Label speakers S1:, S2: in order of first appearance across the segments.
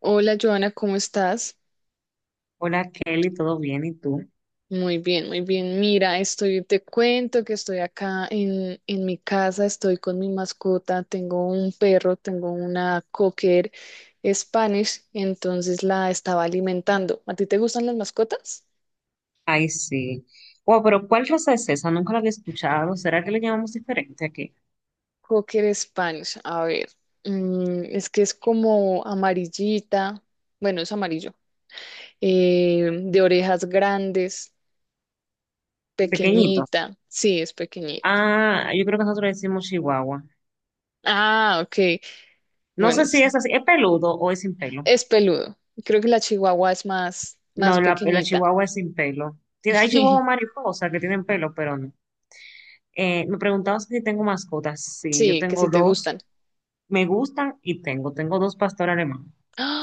S1: Hola, Joana, ¿cómo estás?
S2: Hola Kelly, ¿todo bien? ¿Y tú?
S1: Muy bien, muy bien. Mira, estoy, te cuento que estoy acá en mi casa, estoy con mi mascota, tengo un perro, tengo una cocker Spanish, entonces la estaba alimentando. ¿A ti te gustan las mascotas?
S2: Ay, sí. Wow, pero ¿cuál raza es esa? Nunca la había escuchado. ¿Será que le llamamos diferente aquí?
S1: Cocker Spanish, a ver, es que es como amarillita, bueno, es amarillo, de orejas grandes,
S2: El pequeñito.
S1: pequeñita, sí, es pequeñita.
S2: Ah, yo creo que nosotros le decimos chihuahua.
S1: Ah, ok.
S2: No
S1: Bueno,
S2: sé si es así. ¿Es peludo o es sin pelo?
S1: es peludo. Creo que la chihuahua es más, más
S2: No, la
S1: pequeñita.
S2: chihuahua es sin pelo. Tiene, hay chihuahua mariposa que tienen pelo, pero no. Me preguntabas si tengo mascotas. Sí, yo
S1: Sí, que si
S2: tengo
S1: te
S2: dos.
S1: gustan.
S2: Me gustan y tengo. Tengo dos pastores alemanes.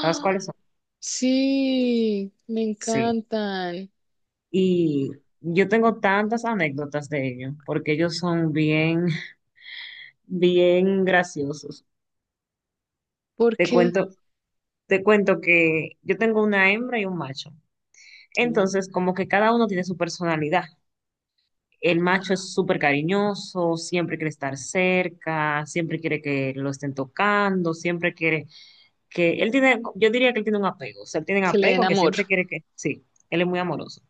S2: ¿Sabes cuáles son?
S1: Sí, me
S2: Sí.
S1: encantan.
S2: Y yo tengo tantas anécdotas de ellos, porque ellos son bien, bien graciosos.
S1: ¿Por
S2: Te
S1: qué?
S2: cuento, te cuento que yo tengo una hembra y un macho.
S1: Sí.
S2: Entonces, como que cada uno tiene su personalidad. El macho es súper cariñoso, siempre quiere estar cerca, siempre quiere que lo estén tocando, siempre quiere que... Él tiene, yo diría que él tiene un apego, o sea, él tiene un
S1: Que le den
S2: apego que
S1: amor.
S2: siempre quiere que... Sí, él es muy amoroso.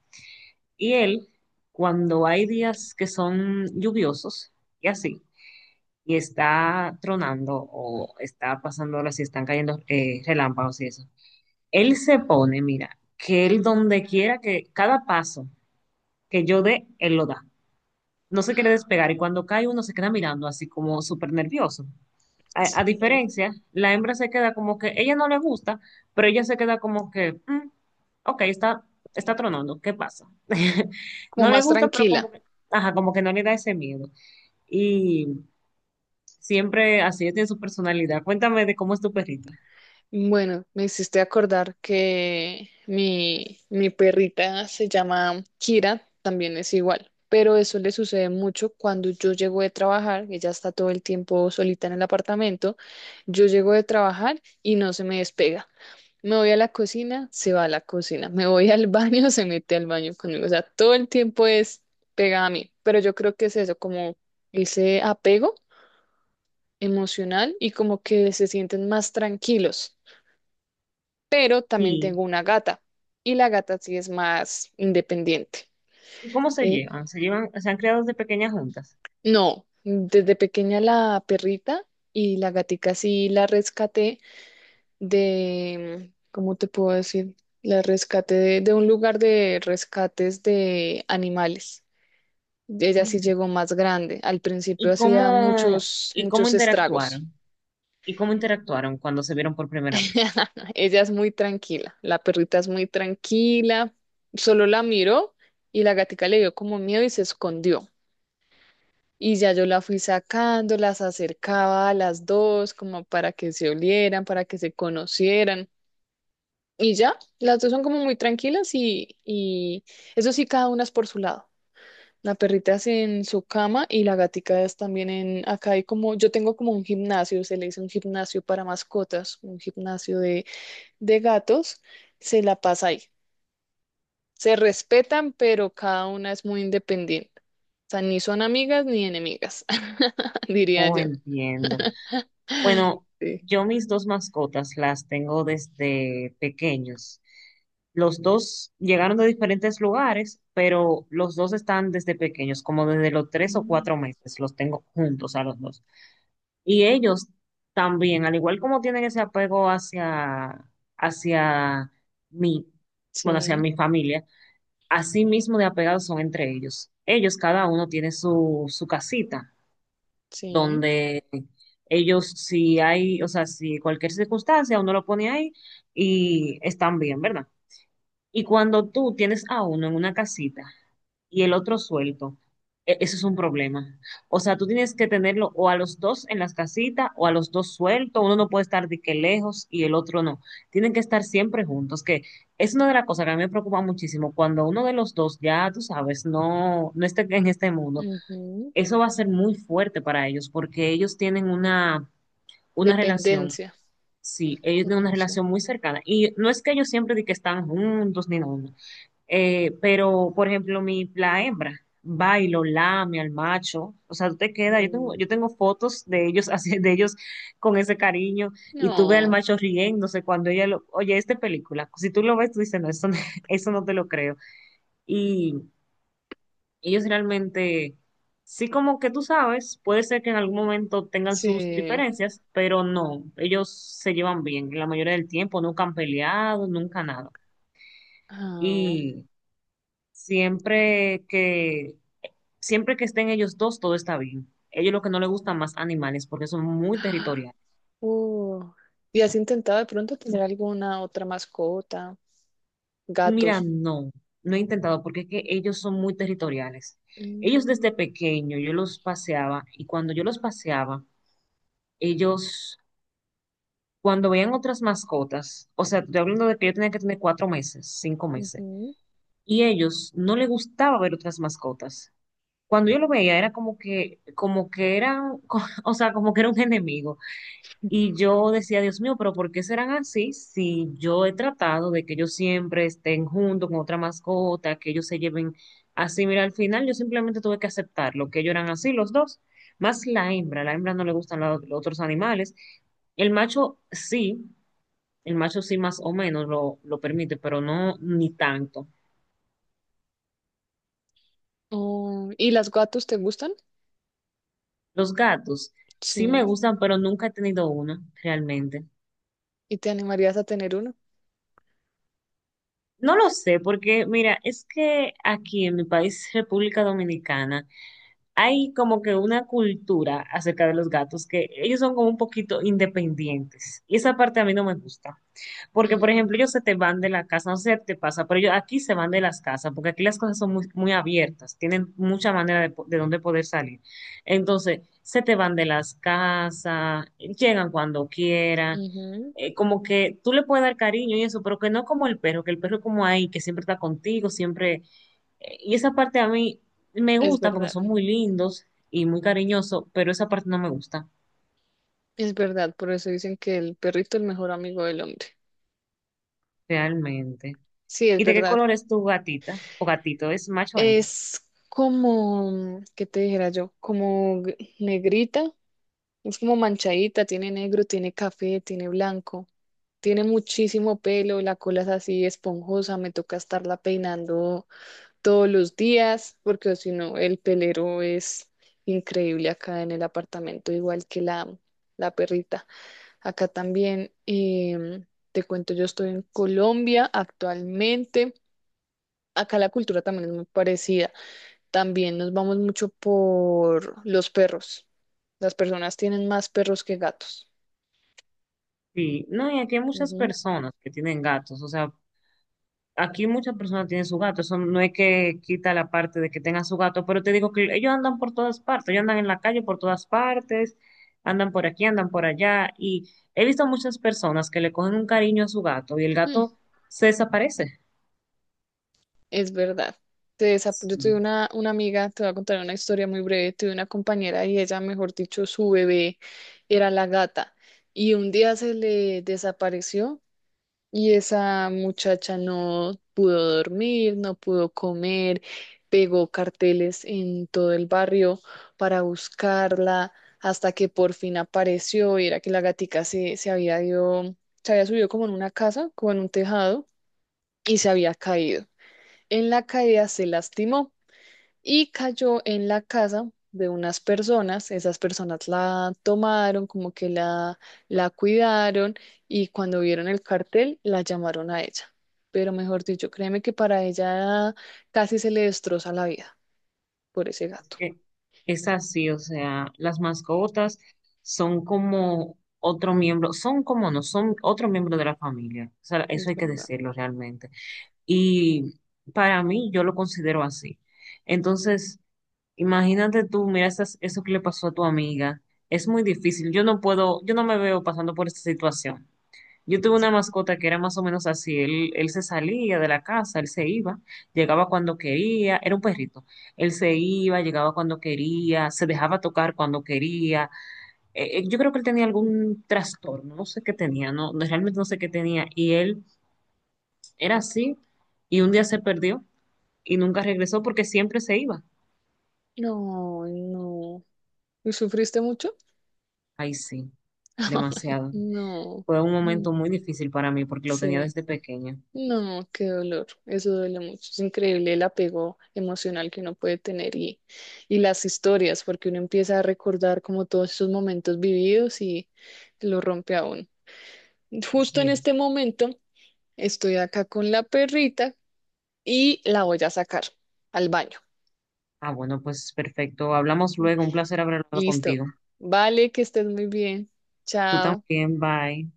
S2: Y él, cuando hay días que son lluviosos y así, y está tronando o está pasando ahora si están cayendo relámpagos y eso. Él se pone, mira, que él
S1: Mm.
S2: donde quiera que cada paso que yo dé, él lo da. No se quiere despegar y cuando cae uno se queda mirando así como súper nervioso. A
S1: Sí.
S2: diferencia, la hembra se queda como que ella no le gusta, pero ella se queda como que, "Mm, ok, está, está tronando, ¿qué pasa?"
S1: Como
S2: No le
S1: más
S2: gusta, pero como
S1: tranquila.
S2: que, ajá, como que no le da ese miedo. Y siempre así, ella tiene su personalidad. Cuéntame de cómo es tu perrita.
S1: Bueno, me hiciste acordar que mi perrita se llama Kira, también es igual, pero eso le sucede mucho cuando yo llego de trabajar, ella está todo el tiempo solita en el apartamento, yo llego de trabajar y no se me despega. Me voy a la cocina, se va a la cocina, me voy al baño, se mete al baño conmigo, o sea, todo el tiempo es pegada a mí, pero yo creo que es eso, como ese apego emocional y como que se sienten más tranquilos, pero también
S2: Sí.
S1: tengo una gata y la gata sí es más independiente.
S2: ¿Y cómo se
S1: Eh,
S2: llevan? ¿Se llevan, se han creado desde pequeñas juntas?
S1: no, desde pequeña la perrita, y la gatica sí la rescaté de, ¿cómo te puedo decir? La rescaté de un lugar de rescates de animales. Ella
S2: Ok.
S1: sí llegó más grande. Al principio
S2: ¿Y
S1: hacía
S2: cómo,
S1: muchos,
S2: ¿y cómo
S1: muchos estragos.
S2: interactuaron? ¿Y cómo interactuaron cuando se vieron por primera vez?
S1: Ella es muy tranquila, la perrita es muy tranquila, solo la miró y la gatica le dio como miedo y se escondió. Y ya yo la fui sacando, las acercaba a las dos como para que se olieran, para que se conocieran. Y ya, las dos son como muy tranquilas y eso sí, cada una es por su lado. La perrita es en su cama y la gatica es también en, acá hay como, yo tengo como un gimnasio, se le dice un gimnasio para mascotas, un gimnasio de gatos, se la pasa ahí. Se respetan, pero cada una es muy independiente. O sea, ni son amigas ni enemigas, diría
S2: Oh,
S1: yo.
S2: entiendo. Bueno,
S1: Sí.
S2: yo mis dos mascotas las tengo desde pequeños. Los dos llegaron de diferentes lugares, pero los dos están desde pequeños, como desde los tres o
S1: Mm.
S2: cuatro meses, los tengo juntos a los dos. Y ellos también, al igual como tienen ese apego hacia mi, bueno, hacia
S1: Sí,
S2: mi familia, así mismo de apegados son entre ellos. Ellos, cada uno tiene su, su casita,
S1: sí.
S2: donde ellos, si hay, o sea, si cualquier circunstancia, uno lo pone ahí y están bien, ¿verdad? Y cuando tú tienes a uno en una casita, y el otro suelto. E- Eso es un problema. O sea, tú tienes que tenerlo o a los dos en las casitas o a los dos sueltos. Uno no puede estar de que lejos y el otro no. Tienen que estar siempre juntos, que es una de las cosas que a mí me preocupa muchísimo. Cuando uno de los dos ya, tú sabes, no esté en este mundo,
S1: Ujú.
S2: eso va a ser muy fuerte para ellos porque ellos tienen una relación,
S1: Dependencia.
S2: sí, ellos tienen una
S1: No sé.
S2: relación muy cercana. Y no es que ellos siempre de que están juntos ni nada, no. Pero, por ejemplo, mi, la hembra va y lo lame al macho. O sea, tú te quedas.
S1: Mm.
S2: Yo tengo fotos de ellos, así, de ellos con ese cariño. Y tú ves al
S1: No,
S2: macho riéndose cuando ella lo. Oye, esta película. Si tú lo ves, tú dices, no, eso no, eso no te lo creo. Y ellos realmente. Sí, como que tú sabes, puede ser que en algún momento tengan sus
S1: sí.
S2: diferencias, pero no, ellos se llevan bien la mayoría del tiempo, nunca han peleado, nunca nada.
S1: Ah.
S2: Y siempre que siempre que estén ellos dos, todo está bien. Ellos lo que no les gustan más animales porque son muy territoriales.
S1: Uh. ¿Y has intentado de pronto tener alguna otra mascota?
S2: Mira,
S1: Gatos.
S2: no, no he intentado porque es que ellos son muy territoriales. Ellos
S1: Mm.
S2: desde pequeño yo los paseaba y cuando yo los paseaba, ellos cuando veían otras mascotas, o sea, estoy hablando de que yo tenía que tener 4 meses, 5 meses,
S1: Ujú.
S2: y ellos no les gustaba ver otras mascotas. Cuando yo lo veía era como que eran, o sea, como que era un enemigo. Y yo decía, Dios mío, pero ¿por qué serán así si yo he tratado de que ellos siempre estén juntos con otra mascota, que ellos se lleven así? Mira, al final yo simplemente tuve que aceptarlo, que ellos eran así los dos, más la hembra no le gustan la- los otros animales. El macho sí, el macho sí más o menos lo permite, pero no ni tanto.
S1: Oh, ¿y las gatos te gustan?
S2: Los gatos sí me
S1: Sí.
S2: gustan, pero nunca he tenido uno realmente.
S1: ¿Y te animarías a tener uno?
S2: No lo sé, porque mira, es que aquí en mi país, República Dominicana, hay como que una cultura acerca de los gatos que ellos son como un poquito independientes. Y esa parte a mí no me gusta. Porque, por
S1: Mm.
S2: ejemplo, ellos se te van de la casa, no sé si te pasa, pero ellos aquí se van de las casas, porque aquí las cosas son muy, muy abiertas, tienen mucha manera de, po- de dónde poder salir. Entonces, se te van de las casas, llegan cuando quieran,
S1: Ujú.
S2: como que tú le puedes dar cariño y eso, pero que no como el perro, que el perro es como ahí, que siempre está contigo, siempre... Y esa parte a mí me
S1: Es
S2: gusta porque
S1: verdad,
S2: son muy lindos y muy cariñosos, pero esa parte no me gusta
S1: es verdad. Por eso dicen que el perrito es el mejor amigo del hombre.
S2: realmente.
S1: Sí, es
S2: ¿Y de qué
S1: verdad.
S2: color es tu gatita o gatito? ¿Es macho o hembra?
S1: Es como, ¿qué te dijera yo? Como g- negrita, es como manchadita, tiene negro, tiene café, tiene blanco, tiene muchísimo pelo, la cola es así esponjosa, me toca estarla peinando todos los días, porque si no, el pelero es increíble acá en el apartamento, igual que la perrita. Acá también, te cuento, yo estoy en Colombia actualmente. Acá la cultura también es muy parecida. También nos vamos mucho por los perros. Las personas tienen más perros que gatos.
S2: Sí, no, y aquí hay muchas
S1: Ujú.
S2: personas que tienen gatos, o sea, aquí muchas personas tienen su gato, eso no es que quita la parte de que tengan su gato, pero te digo que ellos andan por todas partes, ellos andan en la calle por todas partes, andan por aquí, andan por allá, y he visto muchas personas que le cogen un cariño a su gato y el
S1: Mm,
S2: gato se desaparece.
S1: es verdad. Se desa- Yo
S2: Sí.
S1: tuve una amiga, te voy a contar una historia muy breve. Tuve una compañera y ella, mejor dicho, su bebé era la gata. Y un día se le desapareció. Y esa muchacha no pudo dormir, no pudo comer, pegó carteles en todo el barrio para buscarla, hasta que por fin apareció, y era que la gatica se había ido, se había subido como en una casa, como en un tejado, y se había caído. En la caída se lastimó y cayó en la casa de unas personas. Esas personas la tomaron, como que la cuidaron, y cuando vieron el cartel la llamaron a ella. Pero mejor dicho, créeme que para ella casi se le destroza la vida por ese
S2: Es
S1: gato.
S2: que es así, o sea, las mascotas son como otro miembro, son como no, son otro miembro de la familia, o sea, eso
S1: Es
S2: hay que
S1: verdad.
S2: decirlo realmente. Y para mí, yo lo considero así. Entonces, imagínate tú, mira esas- eso que le pasó a tu amiga. Es muy difícil. Yo no puedo, yo no me veo pasando por esta situación. Yo tuve una mascota que era más o menos así. Él se salía de la casa, él se iba, llegaba cuando quería, era un perrito. Él se iba, llegaba cuando quería, se dejaba tocar cuando quería. Yo creo que él tenía algún trastorno, no sé qué tenía, no, no- realmente no sé qué tenía. Y él era así y un día se perdió y nunca regresó porque siempre se iba.
S1: No, no. ¿Y sufriste mucho?
S2: Ay, sí, demasiado.
S1: No.
S2: Fue un
S1: Mm.
S2: momento muy difícil para mí porque lo tenía
S1: Sí.
S2: desde pequeña.
S1: No, qué dolor, eso duele mucho. Es increíble el apego emocional que uno puede tener y las historias, porque uno empieza a recordar como todos esos momentos vividos y lo rompe aún. Justo
S2: Así
S1: en
S2: es.
S1: este momento estoy acá con la perrita y la voy a sacar al baño.
S2: Ah, bueno, pues perfecto. Hablamos luego. Un placer haber hablado
S1: Listo.
S2: contigo.
S1: Vale, que estés muy bien.
S2: Tú
S1: Chao.
S2: también, bye.